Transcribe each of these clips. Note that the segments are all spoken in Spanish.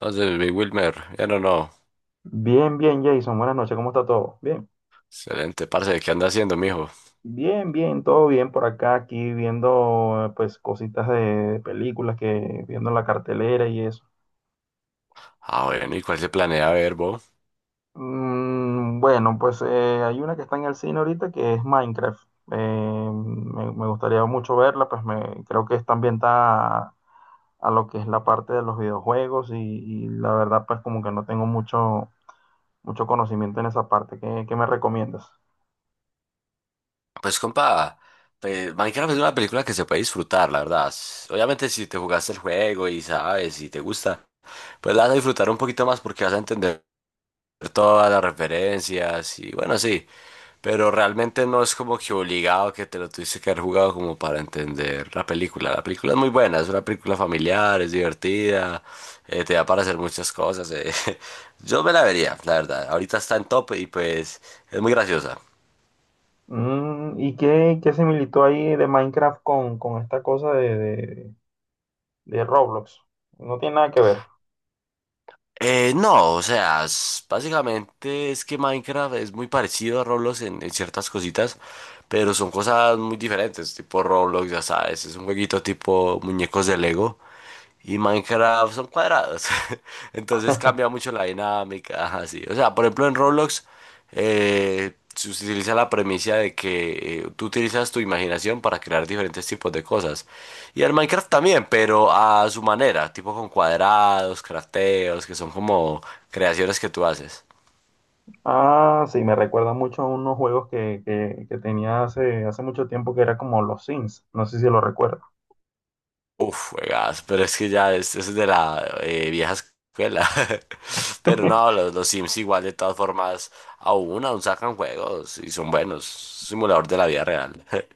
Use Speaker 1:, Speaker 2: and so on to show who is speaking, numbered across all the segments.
Speaker 1: Entonces, Big Wilmer, ya no, no.
Speaker 2: Bien, bien, Jason. Buenas noches. ¿Cómo está todo? Bien.
Speaker 1: Excelente, parce, ¿qué anda haciendo, mijo?
Speaker 2: Bien, bien, todo bien por acá, aquí viendo pues cositas de películas que viendo en la cartelera y eso.
Speaker 1: Ah, bueno, ¿y cuál se planea ver, bo?
Speaker 2: Mm, bueno, pues hay una que está en el cine ahorita que es Minecraft. Me gustaría mucho verla, pues me, creo que está ambientada a lo que es la parte de los videojuegos y la verdad pues como que no tengo mucho conocimiento en esa parte. ¿Qué me recomiendas?
Speaker 1: Pues, compa, pues, Minecraft es una película que se puede disfrutar, la verdad. Obviamente, si te jugaste el juego y sabes, y te gusta, pues la vas a disfrutar un poquito más porque vas a entender todas las referencias y, bueno, sí. Pero realmente no es como que obligado que te lo tuviste que haber jugado como para entender la película. La película es muy buena, es una película familiar, es divertida, te da para hacer muchas cosas. Yo me la vería, la verdad. Ahorita está en top y pues es muy graciosa.
Speaker 2: Mm, ¿y qué similitud hay de Minecraft con esta cosa de Roblox? No tiene nada que ver.
Speaker 1: No, o sea, básicamente es que Minecraft es muy parecido a Roblox en ciertas cositas, pero son cosas muy diferentes, tipo Roblox, ya sabes, es un jueguito tipo muñecos de Lego. Y Minecraft son cuadrados. Entonces cambia mucho la dinámica. Ajá, sí. O sea, por ejemplo, en Roblox se utiliza la premisa de que tú utilizas tu imaginación para crear diferentes tipos de cosas. Y en Minecraft también, pero a su manera, tipo con cuadrados, crafteos, que son como creaciones que tú haces.
Speaker 2: Ah, sí, me recuerda mucho a unos juegos que tenía hace mucho tiempo que era como los Sims. No sé si lo recuerdo.
Speaker 1: Uf, juegas, pero es que ya es de la vieja escuela. Pero no, los Sims igual de todas formas aún sacan juegos y son buenos. Simulador de la vida real.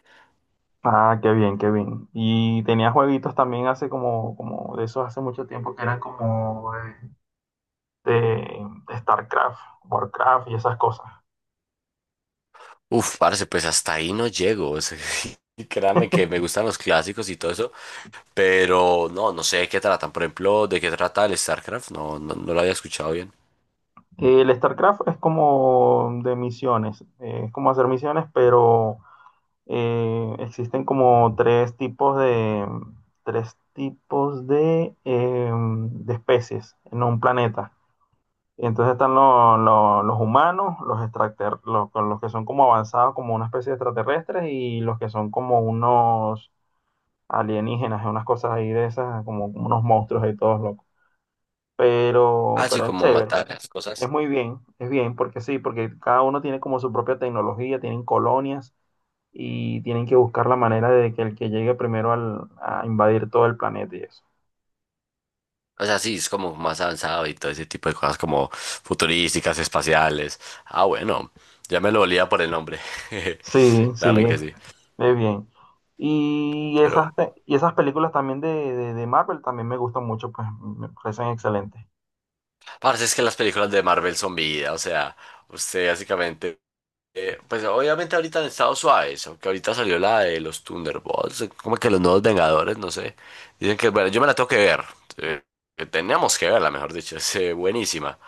Speaker 2: Ah, qué bien, qué bien. Y tenía jueguitos también hace como, como de esos hace mucho tiempo que eran como de, de StarCraft, Warcraft y esas cosas.
Speaker 1: Uf, parce, pues hasta ahí no llego. O sea, y créame que me gustan los clásicos y todo eso, pero no, no sé de qué tratan. Por ejemplo, ¿de qué trata el StarCraft? No, no, no lo había escuchado bien.
Speaker 2: El StarCraft es como de misiones, es como hacer misiones, pero existen como tres tipos de especies en un planeta. Entonces están los humanos, los, los, con los que son como avanzados como una especie de extraterrestres y los que son como unos alienígenas, unas cosas ahí de esas, como, como unos monstruos y todos locos. Pero,
Speaker 1: Ah, sí,
Speaker 2: pero es
Speaker 1: como
Speaker 2: chévere,
Speaker 1: matar las
Speaker 2: es
Speaker 1: cosas.
Speaker 2: muy bien, es bien, porque sí, porque cada uno tiene como su propia tecnología, tienen colonias y tienen que buscar la manera de que el que llegue primero a invadir todo el planeta y eso.
Speaker 1: O sea, sí, es como más avanzado y todo ese tipo de cosas como futurísticas, espaciales. Ah, bueno, ya me lo olía por el nombre.
Speaker 2: Sí, sí,
Speaker 1: Créame que sí.
Speaker 2: es bien. Y
Speaker 1: Pero,
Speaker 2: esas, y esas películas también de Marvel también me gustan mucho, pues me parecen excelentes.
Speaker 1: parce, es que las películas de Marvel son vida. O sea, usted básicamente pues obviamente ahorita han estado suaves, aunque ahorita salió la de los Thunderbolts, como que los nuevos Vengadores, no sé. Dicen que, bueno, yo me la tengo que ver. eh, que teníamos que verla, mejor dicho, es buenísima.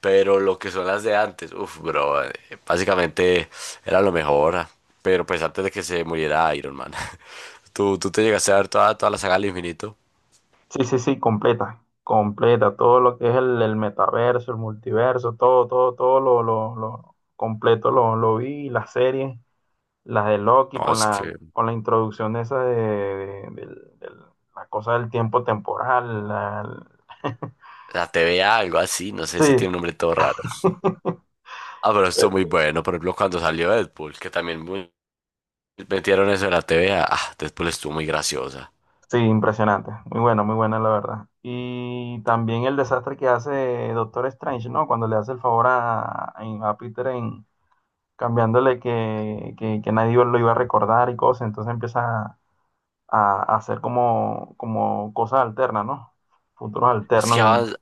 Speaker 1: Pero lo que son las de antes, uff, bro, básicamente era lo mejor. Pero pues antes de que se muriera Iron Man. ¿Tú te llegaste a ver toda, toda la saga del infinito?
Speaker 2: Sí, sí, sí, completa, todo lo que es el metaverso, el multiverso, todo, todo, todo lo completo lo vi, las series, las de Loki
Speaker 1: No,
Speaker 2: con
Speaker 1: es que
Speaker 2: con la introducción esa de la cosa del tiempo temporal.
Speaker 1: la TVA, algo así, no sé, ese
Speaker 2: Sí,
Speaker 1: tiene un nombre todo raro. Ah, pero esto es muy bueno. Por ejemplo, cuando salió Deadpool, que también muy metieron eso en la T TV, ah, ah, Deadpool estuvo muy graciosa.
Speaker 2: sí, impresionante. Muy bueno, muy buena la verdad. Y también el desastre que hace Doctor Strange, ¿no? Cuando le hace el favor a Peter en cambiándole que nadie lo iba a recordar y cosas. Entonces empieza a hacer como, como cosas alternas, ¿no? Futuros
Speaker 1: Es que
Speaker 2: alternos.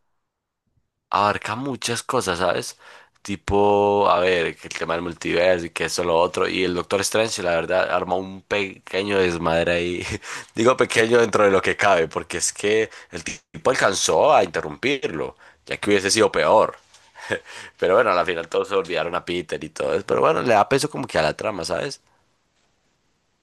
Speaker 1: abarca muchas cosas, ¿sabes? Tipo, a ver, que el tema del multiverso y que eso, lo otro. Y el Doctor Strange, la verdad, arma un pequeño desmadre ahí. Digo pequeño dentro de lo que cabe, porque es que el tipo alcanzó a interrumpirlo, ya que hubiese sido peor. Pero bueno, al final todos se olvidaron a Peter y todo eso. Pero bueno, le da peso como que a la trama, ¿sabes?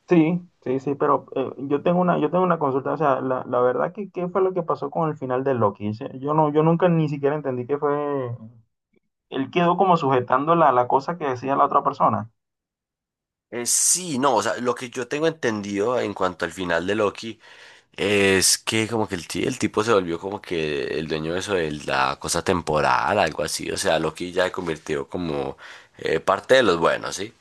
Speaker 2: Sí, sí, sí, pero yo tengo una consulta, o sea, la verdad que qué fue lo que pasó con el final de Loki. Sí, yo no, yo nunca ni siquiera entendí qué fue. Él quedó como sujetando la cosa que decía la otra persona.
Speaker 1: Sí, no, o sea, lo que yo tengo entendido en cuanto al final de Loki es que como que el, el tipo se volvió como que el dueño de eso de la cosa temporal, algo así. O sea, Loki ya se convirtió como parte de los buenos, ¿sí?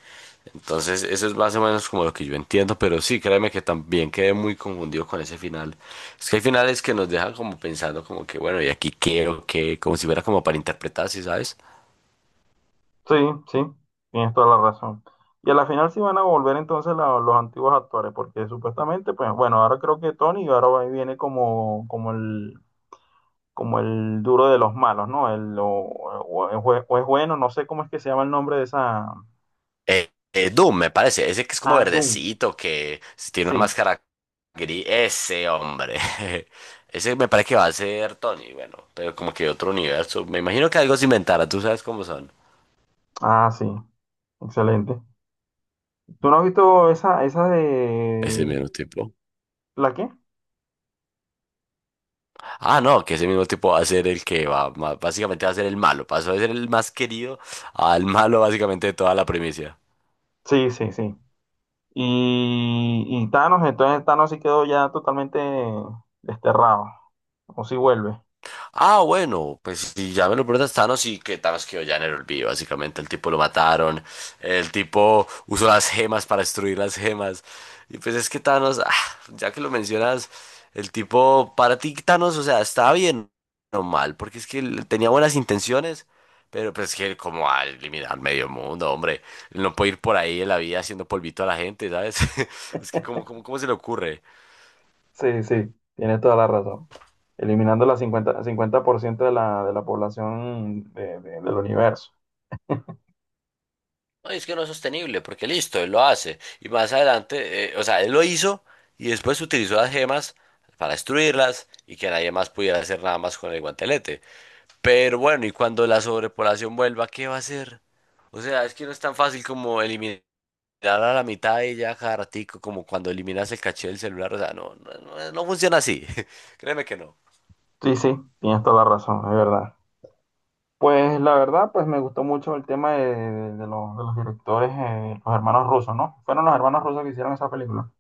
Speaker 1: Entonces, eso es más o menos como lo que yo entiendo, pero sí, créeme que también quedé muy confundido con ese final. Es que hay finales que nos dejan como pensando como que, bueno, ¿y aquí qué o qué? Como si fuera como para interpretar, ¿sí sabes?
Speaker 2: Sí, sí, tienes toda la razón. Y a la final sí van a volver entonces los antiguos actores, porque supuestamente, pues, bueno, ahora creo que Tony ahora viene como, como como el duro de los malos, ¿no? El, o es, o es bueno, no sé cómo es que se llama el nombre de esa.
Speaker 1: Doom, me parece. Ese que es como
Speaker 2: Ah, Doom.
Speaker 1: verdecito, que si tiene una
Speaker 2: Sí.
Speaker 1: máscara gris. Ese hombre. Ese me parece que va a ser Tony, bueno, pero como que otro universo. Me imagino que algo se inventará, tú sabes cómo son.
Speaker 2: Ah, sí. Excelente. ¿Tú no has visto esa
Speaker 1: Ese
Speaker 2: de...
Speaker 1: mismo tipo.
Speaker 2: ¿La qué?
Speaker 1: Ah, no, que ese mismo tipo va a ser el que va, básicamente va a ser el malo. Pasó de ser el más querido al malo básicamente de toda la primicia.
Speaker 2: Sí, sí, sí. Y Thanos, entonces Thanos sí quedó ya totalmente desterrado. O si vuelve.
Speaker 1: Ah, bueno, pues si ya me lo preguntas, Thanos y que Thanos quedó ya en el olvido, básicamente el tipo lo mataron, el tipo usó las gemas para destruir las gemas, y pues es que Thanos, ah, ya que lo mencionas, el tipo, para ti Thanos, o sea, estaba bien o mal, porque es que él tenía buenas intenciones, pero pues es que él como va a eliminar medio mundo, hombre, él no puede ir por ahí en la vida haciendo polvito a la gente, ¿sabes? Es que como, como, ¿cómo se le ocurre?
Speaker 2: Sí, sí, tienes toda la razón. Eliminando la cincuenta por ciento de de la población del universo.
Speaker 1: No, y es que no es sostenible, porque listo, él lo hace. Y más adelante, o sea, él lo hizo y después utilizó las gemas para destruirlas y que nadie más pudiera hacer nada más con el guantelete. Pero bueno, y cuando la sobrepoblación vuelva, ¿qué va a hacer? O sea, es que no es tan fácil como eliminar a la mitad y ya cada ratico, como cuando eliminas el caché del celular. O sea, no, no, no funciona así. Créeme que no.
Speaker 2: Sí, sí, tienes toda la razón, es verdad. Pues la verdad, pues me gustó mucho el tema de, de los directores, los hermanos rusos, ¿no? Fueron los hermanos rusos que hicieron esa película.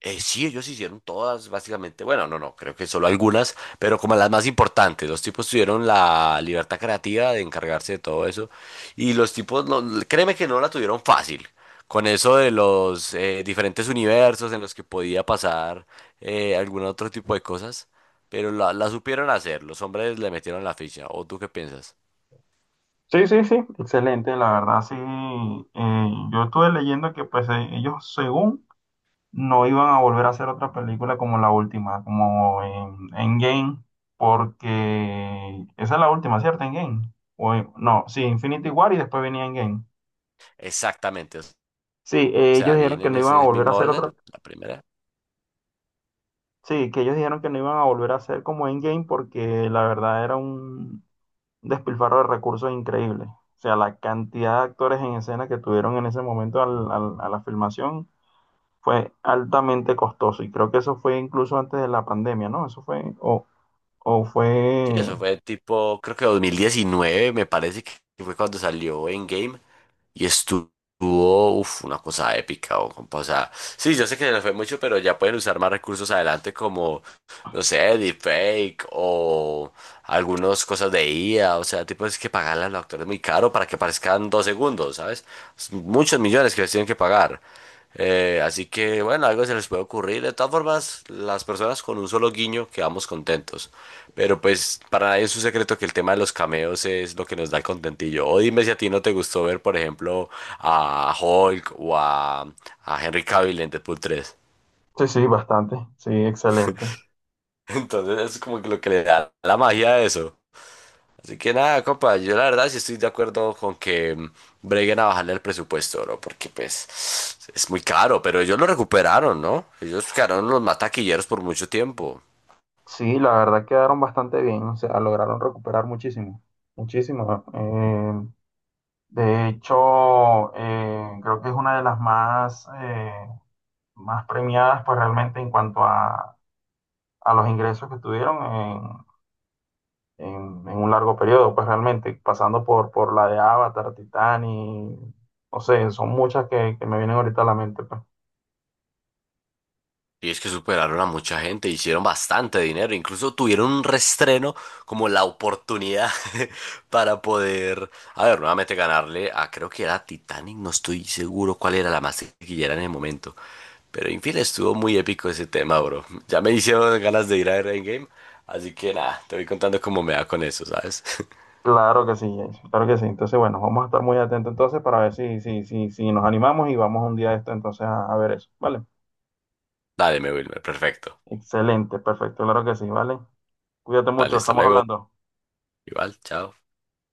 Speaker 1: Sí, ellos hicieron todas, básicamente. Bueno, no, no, creo que solo algunas, pero como las más importantes. Los tipos tuvieron la libertad creativa de encargarse de todo eso. Y los tipos, no, créeme que no la tuvieron fácil. Con eso de los diferentes universos en los que podía pasar algún otro tipo de cosas. Pero la supieron hacer. Los hombres le metieron la ficha. ¿O tú qué piensas?
Speaker 2: Sí, sí, sí, excelente, la verdad, sí. Yo estuve leyendo que pues ellos según no iban a volver a hacer otra película como la última, como en Endgame, porque esa es la última, ¿cierto? Endgame. O, no, sí, Infinity War y después venía Endgame.
Speaker 1: Exactamente. O
Speaker 2: Sí,
Speaker 1: sea,
Speaker 2: ellos dijeron
Speaker 1: viene
Speaker 2: que
Speaker 1: en
Speaker 2: no iban a
Speaker 1: ese
Speaker 2: volver a
Speaker 1: mismo
Speaker 2: hacer otra.
Speaker 1: orden, la primera.
Speaker 2: Sí, que ellos dijeron que no iban a volver a hacer como Endgame porque la verdad era un despilfarro de recursos increíble. O sea, la cantidad de actores en escena que tuvieron en ese momento a la filmación fue altamente costoso. Y creo que eso fue incluso antes de la pandemia, ¿no? Eso fue, o
Speaker 1: Sí,
Speaker 2: fue,
Speaker 1: eso fue tipo, creo que 2019, me parece que fue cuando salió en game y estuvo, uf, una cosa épica, o, compa, o sea, sí, yo sé que se les fue mucho, pero ya pueden usar más recursos adelante como, no sé, deepfake o algunas cosas de IA, o sea, tipo, es que pagarle a los actores muy caro para que aparezcan 2 segundos, ¿sabes? Es muchos millones que les tienen que pagar. Así que bueno, algo se les puede ocurrir. De todas formas, las personas con un solo guiño quedamos contentos. Pero pues para nadie es un secreto que el tema de los cameos es lo que nos da el contentillo. O dime si a ti no te gustó ver, por ejemplo, a Hulk o a Henry Cavill en Deadpool 3.
Speaker 2: sí, sí, bastante, sí, excelente.
Speaker 1: Entonces es como que lo que le da la magia a eso. Así que nada, compa, yo la verdad sí estoy de acuerdo con que mm, breguen a bajarle el presupuesto, no porque pues es muy caro, pero ellos lo recuperaron, ¿no? Ellos quedaron los mataquilleros por mucho tiempo.
Speaker 2: Sí, la verdad quedaron bastante bien, o sea, lograron recuperar muchísimo, muchísimo. De hecho, creo que es una de las más, más premiadas, pues realmente en cuanto a los ingresos que tuvieron en, en un largo periodo, pues realmente, pasando por la de Avatar, Titanic, no sé, son muchas que me vienen ahorita a la mente, pues.
Speaker 1: Y es que superaron a mucha gente, hicieron bastante dinero, incluso tuvieron un restreno como la oportunidad para poder, a ver, nuevamente ganarle a, creo que era Titanic, no estoy seguro cuál era la más taquillera en el momento. Pero en fin, estuvo muy épico ese tema, bro. Ya me hicieron ganas de ir a ver Endgame, así que nada, te voy contando cómo me va con eso, ¿sabes?
Speaker 2: Claro que sí, Jason, claro que sí. Entonces, bueno, vamos a estar muy atentos entonces para ver si nos animamos y vamos un día de esto entonces a ver eso, ¿vale?
Speaker 1: Dale, mi Wilmer, perfecto.
Speaker 2: Excelente, perfecto, claro que sí, ¿vale? Cuídate
Speaker 1: Vale,
Speaker 2: mucho,
Speaker 1: hasta
Speaker 2: estamos
Speaker 1: luego.
Speaker 2: hablando.
Speaker 1: Igual, chao.